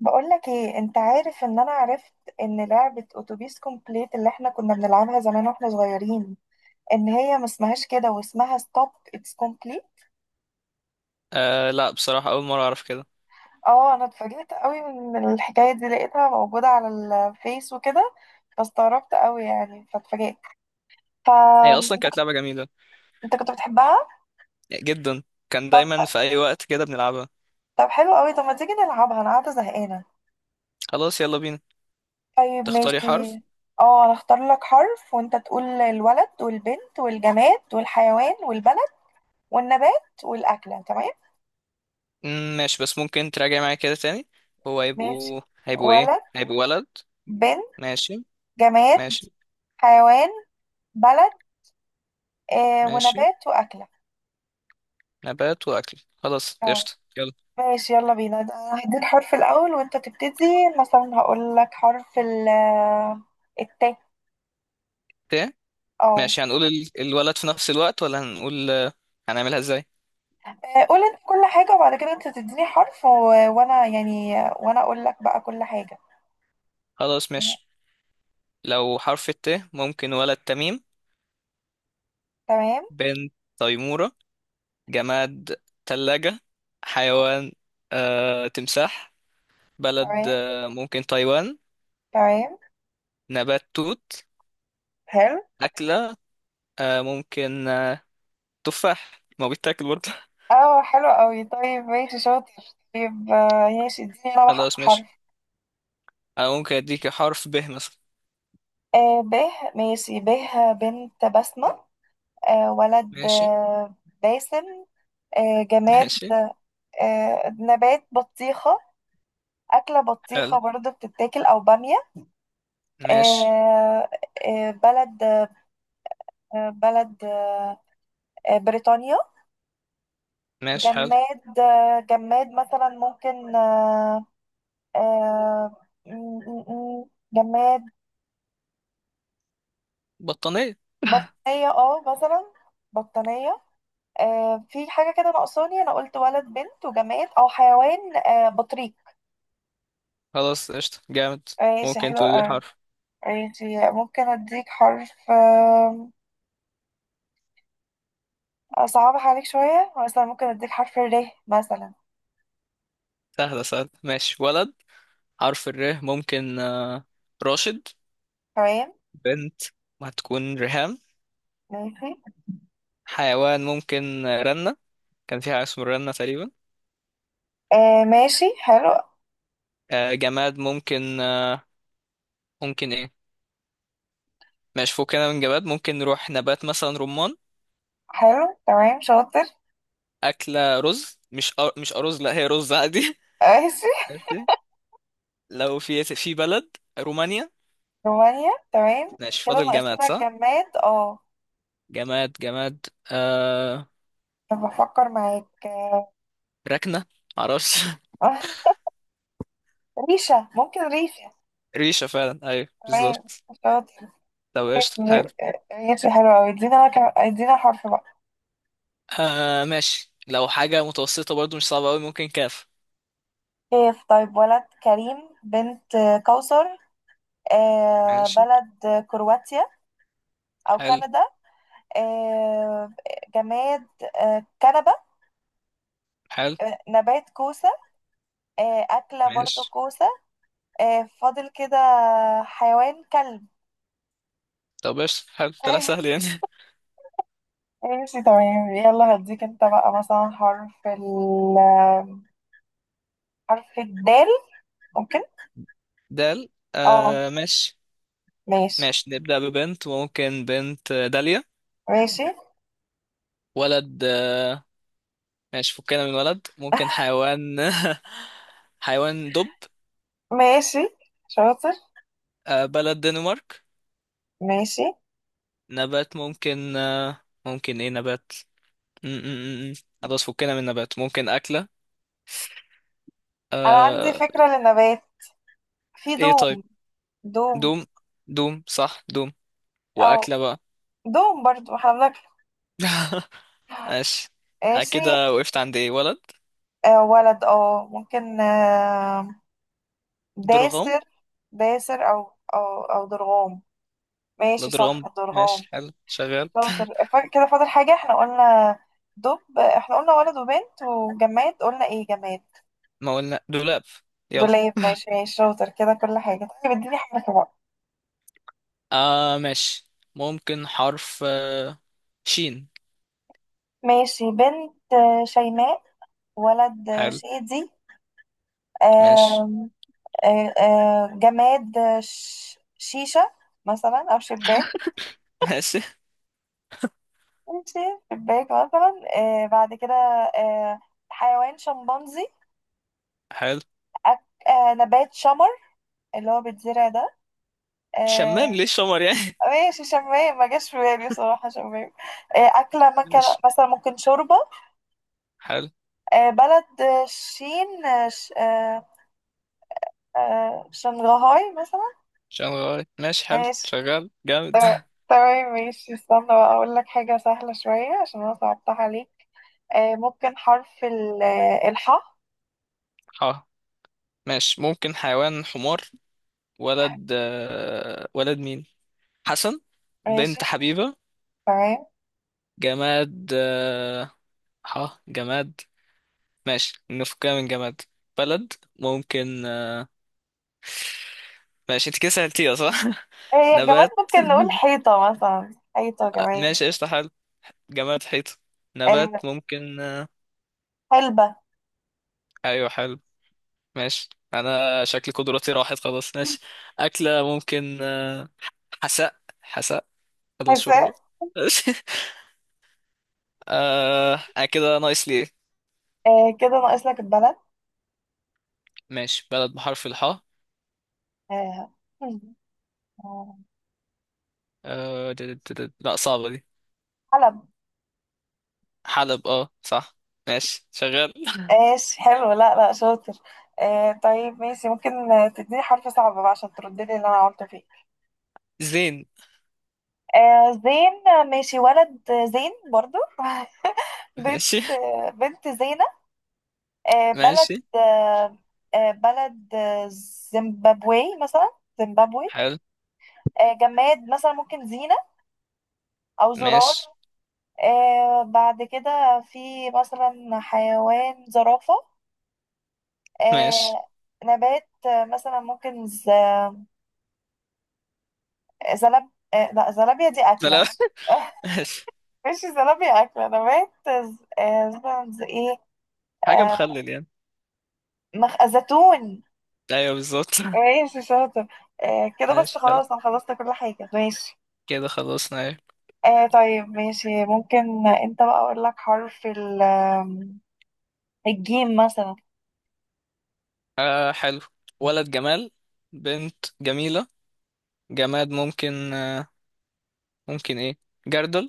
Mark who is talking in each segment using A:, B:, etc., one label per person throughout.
A: بقولك ايه، انت عارف ان انا عرفت ان لعبة اتوبيس كومبليت اللي احنا كنا بنلعبها زمان واحنا صغيرين ان هي ما اسمهاش كده واسمها ستوب اتس كومبليت؟
B: آه لا، بصراحة أول مرة أعرف كده.
A: اه، انا اتفاجئت قوي من الحكاية دي، لقيتها موجودة على الفيس وكده. فاستغربت قوي يعني، فاتفاجئت.
B: هي أصلا
A: فانت
B: كانت
A: كنت
B: لعبة جميلة
A: انت كنت بتحبها؟
B: جدا. كان
A: طب
B: دايما في أي وقت كده بنلعبها.
A: طب، حلو قوي. طب ما تيجي نلعبها؟ انا قاعدة زهقانة.
B: خلاص يلا بينا.
A: طيب،
B: تختاري
A: ماشي.
B: حرف.
A: اه، انا اختار لك حرف وانت تقول الولد والبنت والجماد والحيوان والبلد والنبات والأكلة، تمام؟
B: ماشي، بس ممكن تراجعي معايا كده تاني. هو
A: ماشي.
B: هيبقوا إيه؟
A: ولد،
B: هيبقوا ولد.
A: بنت،
B: ماشي،
A: جماد،
B: ماشي،
A: حيوان، بلد،
B: ماشي.
A: ونبات، وأكلة.
B: نبات وأكل، خلاص
A: اه،
B: قشطة يلا.
A: ماشي، يلا بينا. ده أنا هديك حرف الأول وأنت تبتدي. مثلا هقول لك حرف ال، التاء.
B: ت.
A: اه.
B: ماشي، هنقول الولد في نفس الوقت، ولا هنقول هنعملها إزاي؟
A: قول انت كل حاجة، وبعد كده انت تديني حرف و... وانا يعني... وانا اقول لك بقى كل حاجة.
B: خلاص
A: يعني-
B: ماشي. لو حرف الت، ممكن ولد تميم.
A: تمام،
B: بنت تيمورة. جماد تلاجة. حيوان تمساح. بلد
A: تمام،
B: ممكن تايوان.
A: تمام.
B: نبات توت.
A: حلو.
B: أكلة آه، ممكن آه، تفاح، ما هو بيتاكل برضه.
A: اه، حلو قوي. طيب، ماشي، شاطر. طيب، ماشي، اديني انا
B: خلاص ماشي.
A: حرف.
B: أنا ممكن أديك حرف ب مثلا.
A: باه، ماشي. باه، بنت: بسمة. ولد.
B: ماشي.
A: باسم. جماد.
B: ماشي
A: نبات: بطيخة. أكلة:
B: حلو.
A: بطيخة برضه بتتاكل، أو بامية.
B: ماشي،
A: آه. بلد. آه بلد بريطانيا.
B: ماشي حلو.
A: جماد. جماد مثلا، ممكن آه جماد.
B: بطانية.
A: بطانية، اه، مثلا. بطانية. في حاجة كده ناقصاني، أنا قلت ولد، بنت، وجماد، أو حيوان، بطريق.
B: خلاص قشطة جامد.
A: ماشي،
B: ممكن
A: حلو
B: تقول لي
A: أوي.
B: حرف.
A: ماشي، ممكن أديك حرف، أصعبها عليك شوية، مثلا ممكن أديك حرف الر، مثلا.
B: سهلة سهلة ماشي. ولد حرف الر، ممكن راشد.
A: تمام.
B: بنت هتكون ريهام.
A: ماشي،
B: حيوان ممكن رنة، كان فيها اسمه رنا تقريبا.
A: ماشي، حلو.
B: آه جماد ممكن ايه؟ ماشي فكنا من جماد، ممكن نروح نبات، مثلا رمان.
A: حلو، تمام، شاطر.
B: أكلة رز. مش أرز، لا هي رز عادي.
A: ماشي.
B: ماشي. لو في بلد، رومانيا.
A: رومانيا، تمام.
B: ماشي
A: كده
B: فاضل
A: ناقص
B: جماد
A: لنا
B: صح.
A: الجماد، اه.
B: جماد، جماد. آه
A: طب، بفكر معاك،
B: ركنة، معرفش.
A: آه، ريشة، ممكن ريشة.
B: ريشة فعلا، أيوه
A: تمام،
B: بالظبط.
A: شاطر.
B: طب قشطة حلو.
A: ر- ريشة حلوة أوي. ادينا حرف بقى.
B: آه ماشي. لو حاجة متوسطة برضو مش صعبة أوي، ممكن كاف.
A: كيف. طيب، ولد: كريم، بنت: كوثر.
B: ماشي
A: بلد: كرواتيا، أو
B: حلو.
A: كندا. آه، جماد. كنبة.
B: حلو
A: نبات: كوسة. أكلة برضو
B: ماشي.
A: كوسة. فاضل كده. حيوان: كلب.
B: طب قشطة حلو، طلع سهل يعني.
A: ماشي، تمام، يلا. هديك انت بقى مثلا حرف ال، حرف الدال، ممكن.
B: دال.
A: اه،
B: آه ماشي.
A: ماشي.
B: ماشي نبدأ ببنت، وممكن بنت داليا.
A: ماشي،
B: ولد ماشي فكنا من ولد، ممكن حيوان. حيوان دب.
A: ماشي، شاطر.
B: آه بلد دنمارك.
A: ماشي،
B: نبات ممكن ايه نبات؟ م- م- م- م. خلاص فكنا من نبات، ممكن أكلة.
A: انا عندي
B: آه.
A: فكرة للنبات، في
B: ايه طيب.
A: دوم. دوم.
B: دوم. دوم صح دوم.
A: او
B: وأكلة بقى.
A: دوم برضو، احنا بنك.
B: ماشي.
A: ماشي.
B: كده وقفت عند ايه؟ ولد
A: ولد، اه، ممكن،
B: درغام.
A: داسر. داسر، او، او درغام.
B: لا
A: ماشي، صح،
B: درغام،
A: درغام.
B: ماشي حلو شغال.
A: شاطر. كده فاضل حاجة، احنا قلنا دب. احنا قلنا ولد وبنت وجماد، قلنا ايه جماد؟
B: ما قلنا دولاب. يلا.
A: دولاب، ماشي، ماشي، شاطر. كده كل حاجة. طيب، اديني حرف بقى.
B: آه ماشي. ممكن حرف شين.
A: ماشي. بنت: شيماء. ولد:
B: حلو.
A: شادي.
B: ماشي.
A: آم، جماد: شيشة مثلا، أو شباك.
B: ماشي
A: ماشي. شباك مثلا، بعد كده. آه حيوان: شمبانزي.
B: حلو.
A: أك... آه نبات: شمر، اللي هو بيتزرع ده.
B: شمام،
A: آه
B: ليه شمر يعني؟
A: ماشي، شمام ما جاش في بالي بصراحة، شمام. أكلة مكان،
B: ماشي
A: مثلا ممكن شوربة.
B: حلو.
A: بلد، شين، آه ش... آه شنغهاي مثلا.
B: شنغال، ماشي حلو
A: ماشي،
B: شغال جامد.
A: تمام. تمام، ماشي، استنى بقى أقول لك حاجة سهلة شوية عشان أنا صعبتها عليك. ممكن حرف ال الحاء.
B: اه ماشي. ممكن حيوان حمار. ولد ولد مين؟ حسن.
A: ماشي،
B: بنت حبيبة.
A: تمام.
B: جماد اه. جماد. ماشي نفكها من جماد. بلد ممكن ماشي انت كده سألتيها صح.
A: هي كمان
B: نبات.
A: ممكن نقول حيطة، مثلا، حيطة كمان.
B: ماشي قشطة حلو. جماد حيطة. نبات
A: آه
B: ممكن.
A: حلبة.
B: ايوه حلو. ماشي. انا شكل قدراتي راحت، خلاص ماشي. اكلة ممكن حساء، حساء بدل
A: حساء.
B: شوربة. ماشي. آه، أنا كده ناقص لي ايه؟
A: كده ناقص لك البلد.
B: ماشي بلد بحرف الحاء.
A: آه آه،
B: لا، صعبة دي.
A: حلب.
B: حلب، اه صح. ماشي شغال.
A: ايش، حلو، لا، لا، شاطر. طيب، ماشي، ممكن، تديني حرف صعب بقى عشان تردلي اللي انا قلت فيه.
B: زين.
A: زين. ماشي، ولد: زين برضو. بنت.
B: ماشي.
A: بنت: زينة. بلد،
B: ماشي
A: آه بلد، زيمبابوي مثلا. زيمبابوي.
B: حلو.
A: جماد مثلا، ممكن زينة، او زرار.
B: ماشي.
A: بعد كده في، مثلا، حيوان: زرافة.
B: ماشي.
A: آه نبات، مثلا، ممكن زلب آه لا، زلابيا دي
B: لا لا.
A: أكلة.
B: ماشي.
A: مش زلابيا أكلة، نبات. مثلا زي إيه.
B: حاجة
A: آه
B: مخلل يعني.
A: زيتون.
B: ايوه بالظبط.
A: ماشي، شاطر. كده بس
B: ماشي حلو.
A: خلاص، أنا خلصت كل حاجة، ماشي.
B: كده خلصنا.
A: طيب، ماشي، ممكن أنت بقى أقول لك حرف ال الجيم مثلا.
B: آه حلو. ولد جمال. بنت جميلة. جماد ممكن ايه؟ جردل.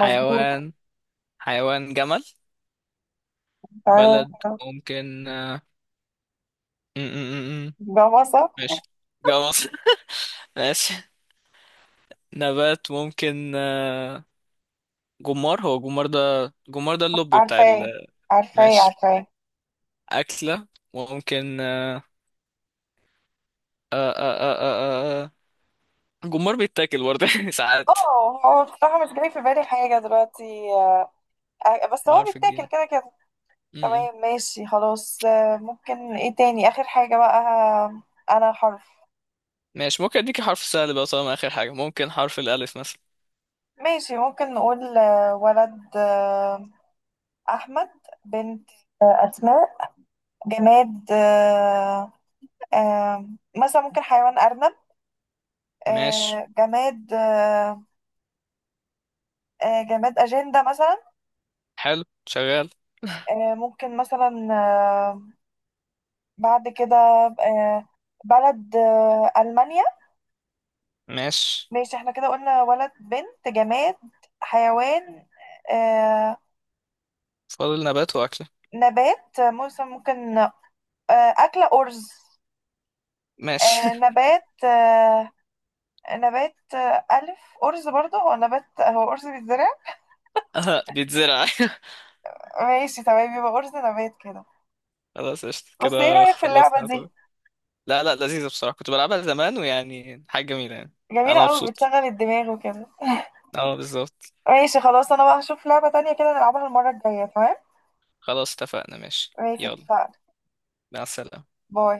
A: مظبوط.
B: حيوان جمل.
A: آه،
B: بلد ممكن م -م -م. م.
A: بابا، صح.
B: ماشي جوز. ماشي. نبات ممكن جمار، هو جمار ده، جمار ده اللب بتاع
A: عارفاه،
B: ال.
A: عارفاه،
B: ماشي.
A: عارفاه.
B: أكلة ممكن آه آه آه آه آه. آه. جمار بيتاكل برضه ساعات.
A: اه، هو بصراحة مش جاي في بالي حاجة دلوقتي، بس هو
B: بحرف الجيم
A: بيتاكل كده كده.
B: م- م.
A: تمام، ماشي، خلاص. ممكن ايه تاني، آخر حاجة بقى، أنا حرف.
B: ماشي. ممكن اديكي حرف سهل بقى طالما اخر حاجة، ممكن حرف الالف مثلا.
A: ماشي، ممكن نقول، ولد: أحمد. بنت: أسماء. جماد، آه، مثلا ممكن حيوان: أرنب.
B: ماشي
A: جماد، جماد: أجندة مثلا.
B: حلو شغال.
A: ممكن مثلا، بعد كده، آه، بلد: ألمانيا.
B: ماشي.
A: ماشي، احنا كده قلنا ولد، بنت، جماد، حيوان، آه،
B: فاضل نبات واكلة.
A: نبات، مثلا، ممكن، أكلة: أرز.
B: ماشي.
A: نبات، نبات، ألف أرز برضه، هو نبات، هو أرز بيتزرع.
B: اه بيتزرع.
A: ماشي، تمام، يبقى أرز نبات كده.
B: خلاص قشطة،
A: بس ايه
B: كده
A: رأيك في اللعبة
B: خلصنا
A: دي؟
B: طبعا. لا لا، لذيذة بصراحة، كنت بلعبها زمان، ويعني حاجة جميلة يعني.
A: جميلة
B: انا
A: قوي،
B: مبسوط.
A: بتشغل الدماغ وكده.
B: اه بالظبط.
A: ماشي، خلاص، أنا بقى هشوف لعبة تانية كده نلعبها المرة الجاية، تمام؟
B: خلاص اتفقنا، ماشي
A: ماشي،
B: يلا.
A: اتفقنا.
B: مع السلامة.
A: باي.